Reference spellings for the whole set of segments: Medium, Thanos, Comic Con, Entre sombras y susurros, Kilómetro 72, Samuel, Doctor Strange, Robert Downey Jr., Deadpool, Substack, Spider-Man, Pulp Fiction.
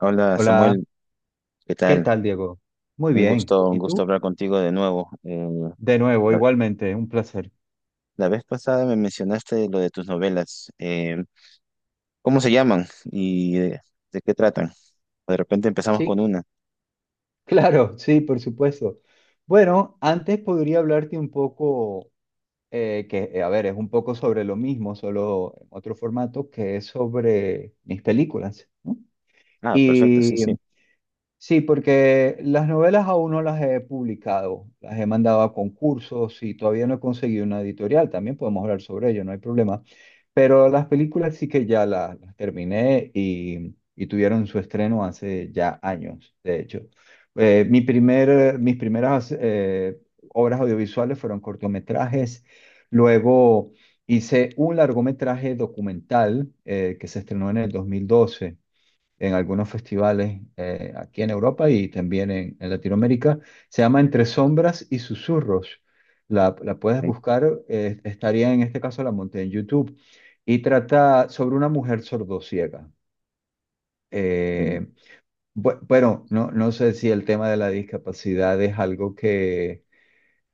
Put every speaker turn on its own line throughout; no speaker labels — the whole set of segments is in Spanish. Hola
Hola,
Samuel, ¿qué
¿qué
tal?
tal, Diego? Muy bien.
Un
¿Y tú?
gusto hablar contigo de nuevo.
De nuevo,
La,
igualmente, un placer.
la vez pasada me mencionaste lo de tus novelas. ¿Cómo se llaman y de qué tratan? De repente empezamos con
Sí,
una.
claro, sí, por supuesto. Bueno, antes podría hablarte un poco, a ver, es un poco sobre lo mismo, solo en otro formato, que es sobre mis películas, ¿no?
Ah, perfecto,
Y
sí, sí.
sí, porque las novelas aún no las he publicado, las he mandado a concursos y todavía no he conseguido una editorial, también podemos hablar sobre ello, no hay problema. Pero las películas sí que ya las terminé y tuvieron su estreno hace ya años, de hecho. Mi primer, mis primeras obras audiovisuales fueron cortometrajes. Luego hice un largometraje documental que se estrenó en el 2012 en algunos festivales aquí en Europa y también en Latinoamérica. Se llama Entre sombras y susurros. La puedes
Sí.
buscar, estaría en este caso la monté en YouTube. Y trata sobre una mujer sordociega.
Mm.
Eh, bueno, no, no sé si el tema de la discapacidad es algo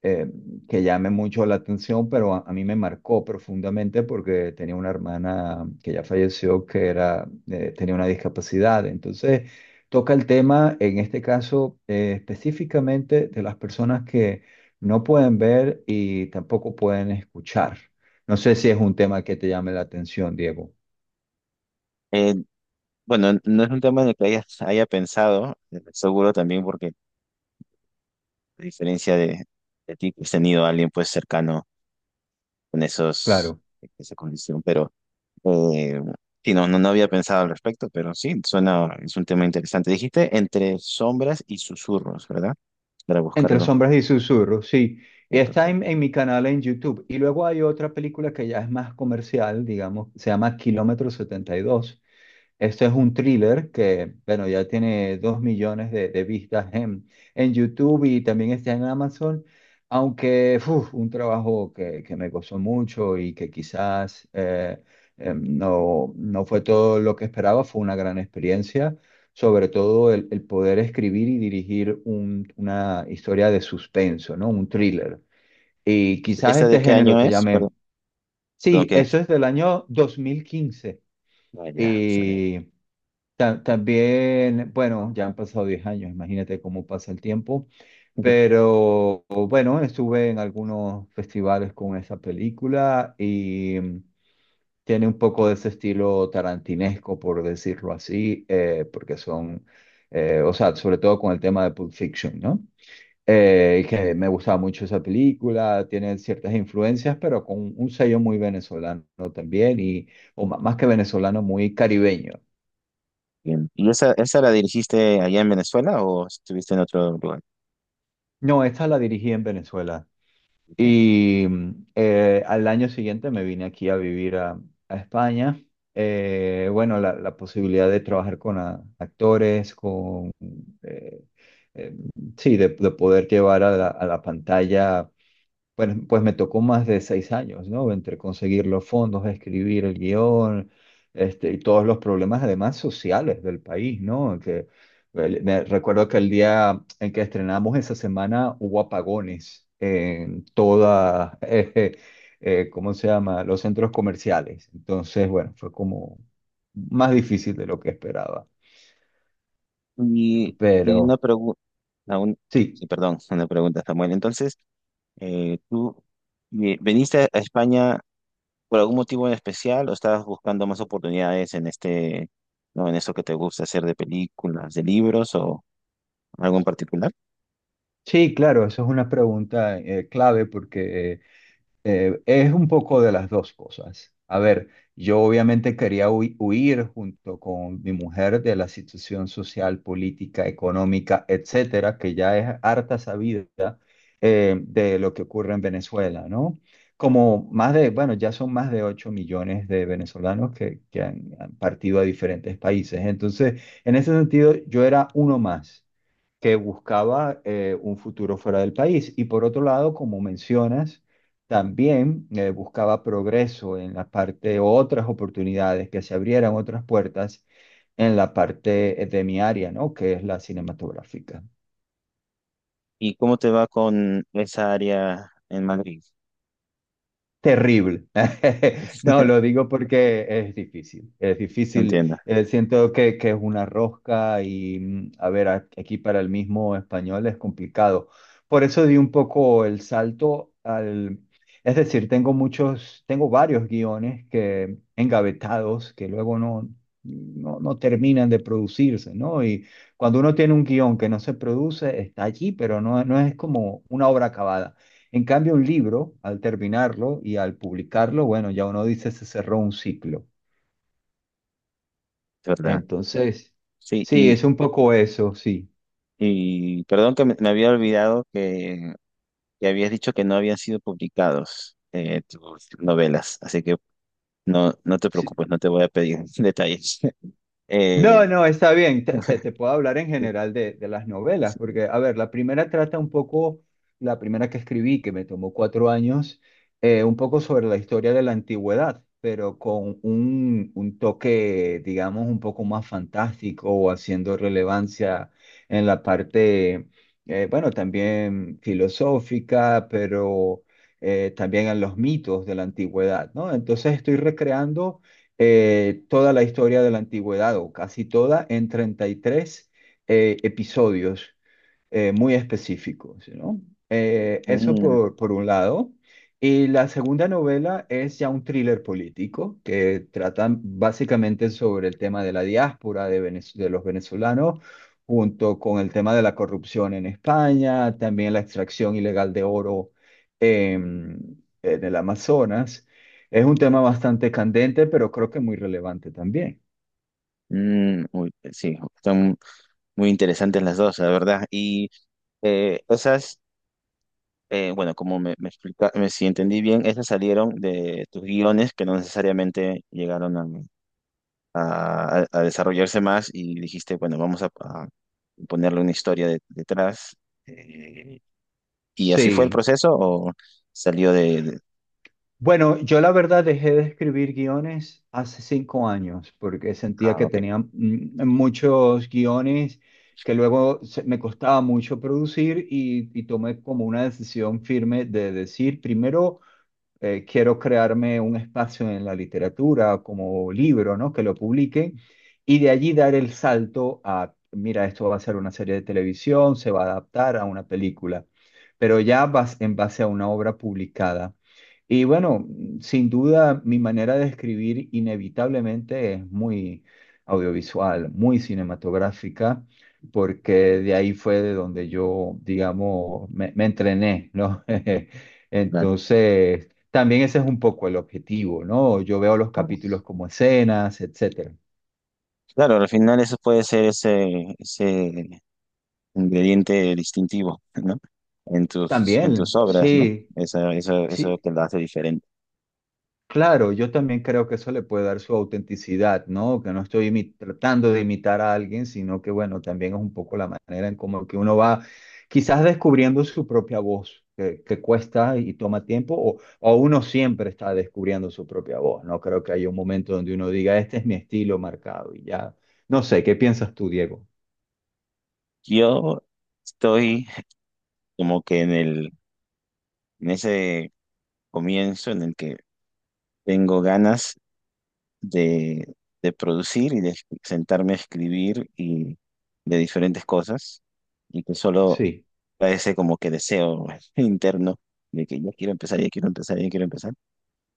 eh, que llame mucho la atención, pero a mí me marcó profundamente porque tenía una hermana que ya falleció que era, tenía una discapacidad. Entonces, toca el tema, en este caso, específicamente de las personas que no pueden ver y tampoco pueden escuchar. No sé si es un tema que te llame la atención, Diego.
Eh, bueno, no es un tema en el que haya pensado, seguro también porque a de ti, que has tenido a alguien pues cercano con
Claro.
esa condición, pero... Eh, sí, no, no, no había pensado al respecto, pero sí, suena, es un tema interesante. Dijiste Entre sombras y susurros, ¿verdad? Para
Entre
buscarlo.
sombras y susurros, sí. Y
Bien,
está
perfecto.
en mi canal en YouTube. Y luego hay otra película que ya es más comercial, digamos, se llama Kilómetro 72. Esto es un thriller que, bueno, ya tiene 2.000.000 de vistas en YouTube y también está en Amazon, aunque uf, un trabajo que me gozó mucho y que quizás no, no fue todo lo que esperaba, fue una gran experiencia, sobre todo el poder escribir y dirigir un- una historia de suspenso, ¿no? Un thriller. Y quizás
¿Esta
este
de qué
género
año
te
es?
llame.
Perdón,
Sí,
¿qué es?
eso es del año 2015.
Ah, ya, está bien.
Y ta- también, bueno, ya han pasado 10 años, imagínate cómo pasa el tiempo, pero bueno, estuve en algunos festivales con esa película y mm, tiene un poco de ese estilo tarantinesco, por decirlo así, porque son, o sea, sobre todo con el tema de Pulp Fiction, ¿no? Que me gustaba mucho esa película, tiene ciertas influencias, pero con un sello muy venezolano también, y, o ma- más que venezolano, muy caribeño.
Bien. ¿Y esa la dirigiste allá en Venezuela o estuviste en otro lugar?
No, esta la dirigí en Venezuela.
Ok.
Y al año siguiente me vine aquí a vivir a España. Bueno, la posibilidad de trabajar con a- actores, con... eh, eh, sí, de poder llevar a la pantalla bueno, pues me tocó más de 6 años, ¿no? Entre conseguir los fondos, escribir el guión, este, y todos los problemas, además, sociales del país, ¿no? Que, el- me recuerdo que el día en que estrenamos esa semana hubo apagones en toda, ¿cómo se llama? Los centros comerciales. Entonces, bueno, fue como más difícil de lo que esperaba.
Y una
Pero
pregunta,
sí,
sí, perdón, una pregunta, Samuel. Entonces, tú veniste a España. ¿Por algún motivo en especial o estabas buscando más oportunidades en no, en eso que te gusta hacer de películas, de libros o algo en particular?
sí, claro, eso es una pregunta, clave porque... Es un poco de las dos cosas. A ver, yo obviamente quería hui- huir junto con mi mujer de la situación social, política, económica, etcétera, que ya es harta sabida de lo que ocurre en Venezuela, ¿no? Como más de, bueno, ya son más de 8.000.000 de venezolanos que han, han partido a diferentes países. Entonces, en ese sentido, yo era uno más que buscaba un futuro fuera del país. Y por otro lado, como mencionas, también buscaba progreso en la parte, otras oportunidades, que se abrieran otras puertas en la parte de mi área, ¿no? Que es la cinematográfica.
¿Y cómo te va con esa área en Madrid?
Terrible. No, lo digo porque es difícil. Es difícil.
Entiendo,
Siento que es una rosca y, mm, a ver, a- aquí para el mismo español es complicado. Por eso di un poco el salto al... Es decir, tengo muchos, tengo varios guiones que engavetados que luego no terminan de producirse, ¿no? Y cuando uno tiene un guión que no se produce, está allí, pero no, no es como una obra acabada. En cambio, un libro, al terminarlo y al publicarlo, bueno, ya uno dice se cerró un ciclo.
es verdad.
Entonces,
Sí,
sí,
y,
es un poco eso, sí.
y perdón que me había olvidado que habías dicho que no habían sido publicados tus novelas, así que no, no te
Sí,
preocupes, no te voy a pedir detalles.
no,
Eh,
no, está bien. Te puedo hablar en general de las novelas,
sí.
porque, a ver, la primera trata un poco, la primera que escribí, que me tomó 4 años, un poco sobre la historia de la antigüedad, pero con un toque, digamos, un poco más fantástico o haciendo relevancia en la parte, bueno, también filosófica, pero también en los mitos de la antigüedad, ¿no? Entonces estoy recreando toda la historia de la antigüedad, o casi toda, en 33 episodios muy específicos, ¿no? Eso
Mm,
por un lado. Y la segunda novela es ya un thriller político que trata básicamente sobre el tema de la diáspora de, Venez- de los venezolanos, junto con el tema de la corrupción en España, también la extracción ilegal de oro en el Amazonas. Es un tema bastante candente, pero creo que muy relevante también.
mm, uy, sí, están muy interesantes las dos, la verdad. Y eh, esas, bueno, como me explica, si entendí bien, esas salieron de tus guiones que no necesariamente llegaron a desarrollarse más y dijiste, bueno, vamos a ponerle una historia detrás. Eh, ¿Y así fue el
Sí,
proceso o salió de...
bueno, yo la verdad dejé de escribir guiones hace 5 años porque sentía
ah,
que
ok,
tenía mm, muchos guiones que luego se- me costaba mucho producir y tomé como una decisión firme de decir, primero quiero crearme un espacio en la literatura como libro, ¿no? Que lo publiquen y de allí dar el salto a, mira, esto va a ser una serie de televisión, se va a adaptar a una película, pero ya vas en base a una obra publicada. Y bueno, sin duda mi manera de escribir inevitablemente es muy audiovisual, muy cinematográfica, porque de ahí fue de donde yo, digamos, me entrené, ¿no?
claro.
Entonces, también ese es un poco el objetivo, ¿no? Yo veo los
Claro,
capítulos como escenas, etcétera.
claro, al final eso puede ser ese ingrediente distintivo, ¿no? En en
También,
tus obras, ¿no?
sí,
Eso, eso
sí,
te lo hace diferente.
claro, yo también creo que eso le puede dar su autenticidad, ¿no? Que no estoy imi- tratando de imitar a alguien, sino que, bueno, también es un poco la manera en como que uno va quizás descubriendo su propia voz, que cuesta y toma tiempo, o uno siempre está descubriendo su propia voz, ¿no? Creo que hay un momento donde uno diga, este es mi estilo marcado y ya. No sé, ¿qué piensas tú, Diego?
Yo estoy como que en en ese comienzo en el que tengo ganas de, de producir y de sentarme a escribir y de diferentes cosas y que solo
Sí,
parece como que deseo interno de que ya quiero empezar, ya quiero empezar, ya quiero empezar.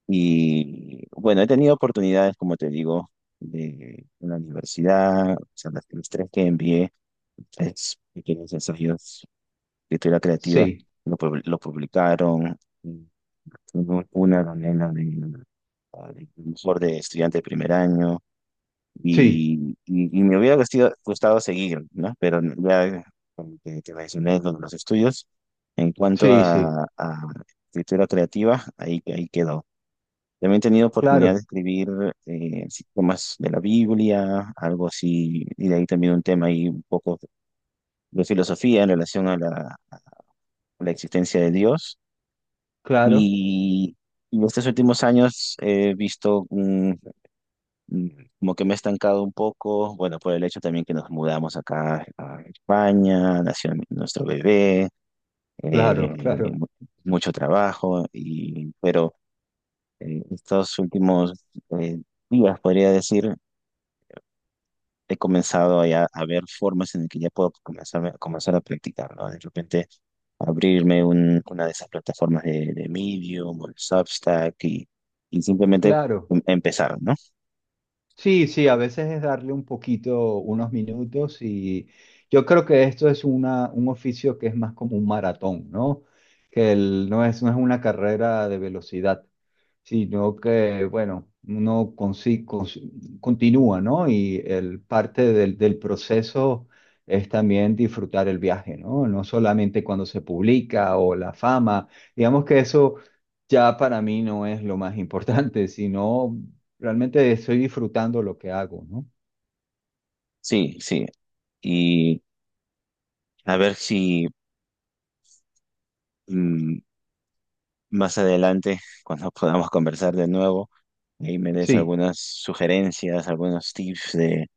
Y bueno, he tenido oportunidades, como te digo, de en la universidad, o sea, los tres que envié, tres pequeños ensayos de teoría creativa,
sí.
lo publicaron. Y hubo una donde era de mejor de estudiante de primer año,
Sí,
y me hubiera gustado seguir, ¿no? Pero ya como te mencioné lo de los estudios. En cuanto
sí, sí,
a escritura creativa, ahí quedó. También he tenido oportunidad de
claro,
escribir, así, temas de la Biblia, algo así, y de ahí también un tema ahí un poco de filosofía en relación a a la existencia de Dios.
claro,
Y, y en estos últimos años he visto mm, como que me he estancado un poco, bueno, por el hecho también que nos mudamos acá a España, nació nuestro bebé,
claro,
eh,
claro,
mu- mucho trabajo, y, pero estos últimos eh, días, podría decir, he comenzado ya a ver formas en las que ya puedo comenzar, comenzar a practicar, ¿no? De repente abrirme una de esas plataformas de Medium o el Substack y simplemente
claro.
empezar, ¿no?
Sí, sí, a veces es darle un poquito, unos minutos y yo creo que esto es una, un oficio que es más como un maratón, ¿no? Que el- no es, no es una carrera de velocidad, sino que, bueno, uno consi- cons- continúa, ¿no? Y el parte del, del proceso es también disfrutar el viaje, ¿no? No solamente cuando se publica o la fama, digamos que eso ya para mí no es lo más importante, sino realmente estoy disfrutando lo que hago, ¿no?
Sí, sí. Y a ver si mm, más adelante, cuando podamos conversar de nuevo, ahí me des
Sí,
algunas sugerencias, algunos tips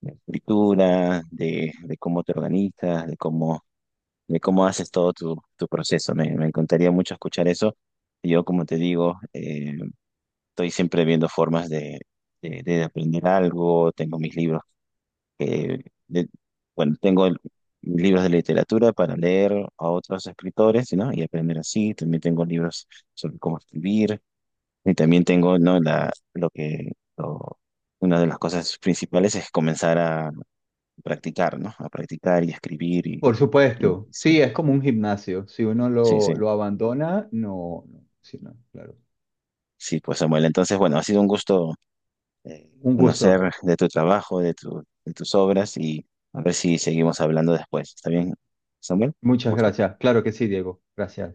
de escritura, de cómo te organizas, de cómo haces todo tu proceso. Me encantaría mucho escuchar eso. Yo, como te digo, estoy siempre viendo formas de aprender algo. Tengo mis libros que, de- bueno, mis libros de literatura para leer a otros escritores, ¿no? Y aprender así. También tengo libros sobre cómo escribir. Y también tengo, ¿no? La, lo que, lo- Una de las cosas principales es comenzar a practicar, ¿no? A practicar y escribir
por
y
supuesto. Sí,
sí.
es como un gimnasio. Si uno
Sí, sí.
lo abandona, no, no, sí, no, claro.
Sí, pues Samuel, entonces, bueno, ha sido un gusto
Un gusto.
conocer de tu trabajo, de de tus obras, y a ver si seguimos hablando después. ¿Está bien, Samuel?
Muchas
Gusto.
gracias. Claro que sí, Diego. Gracias.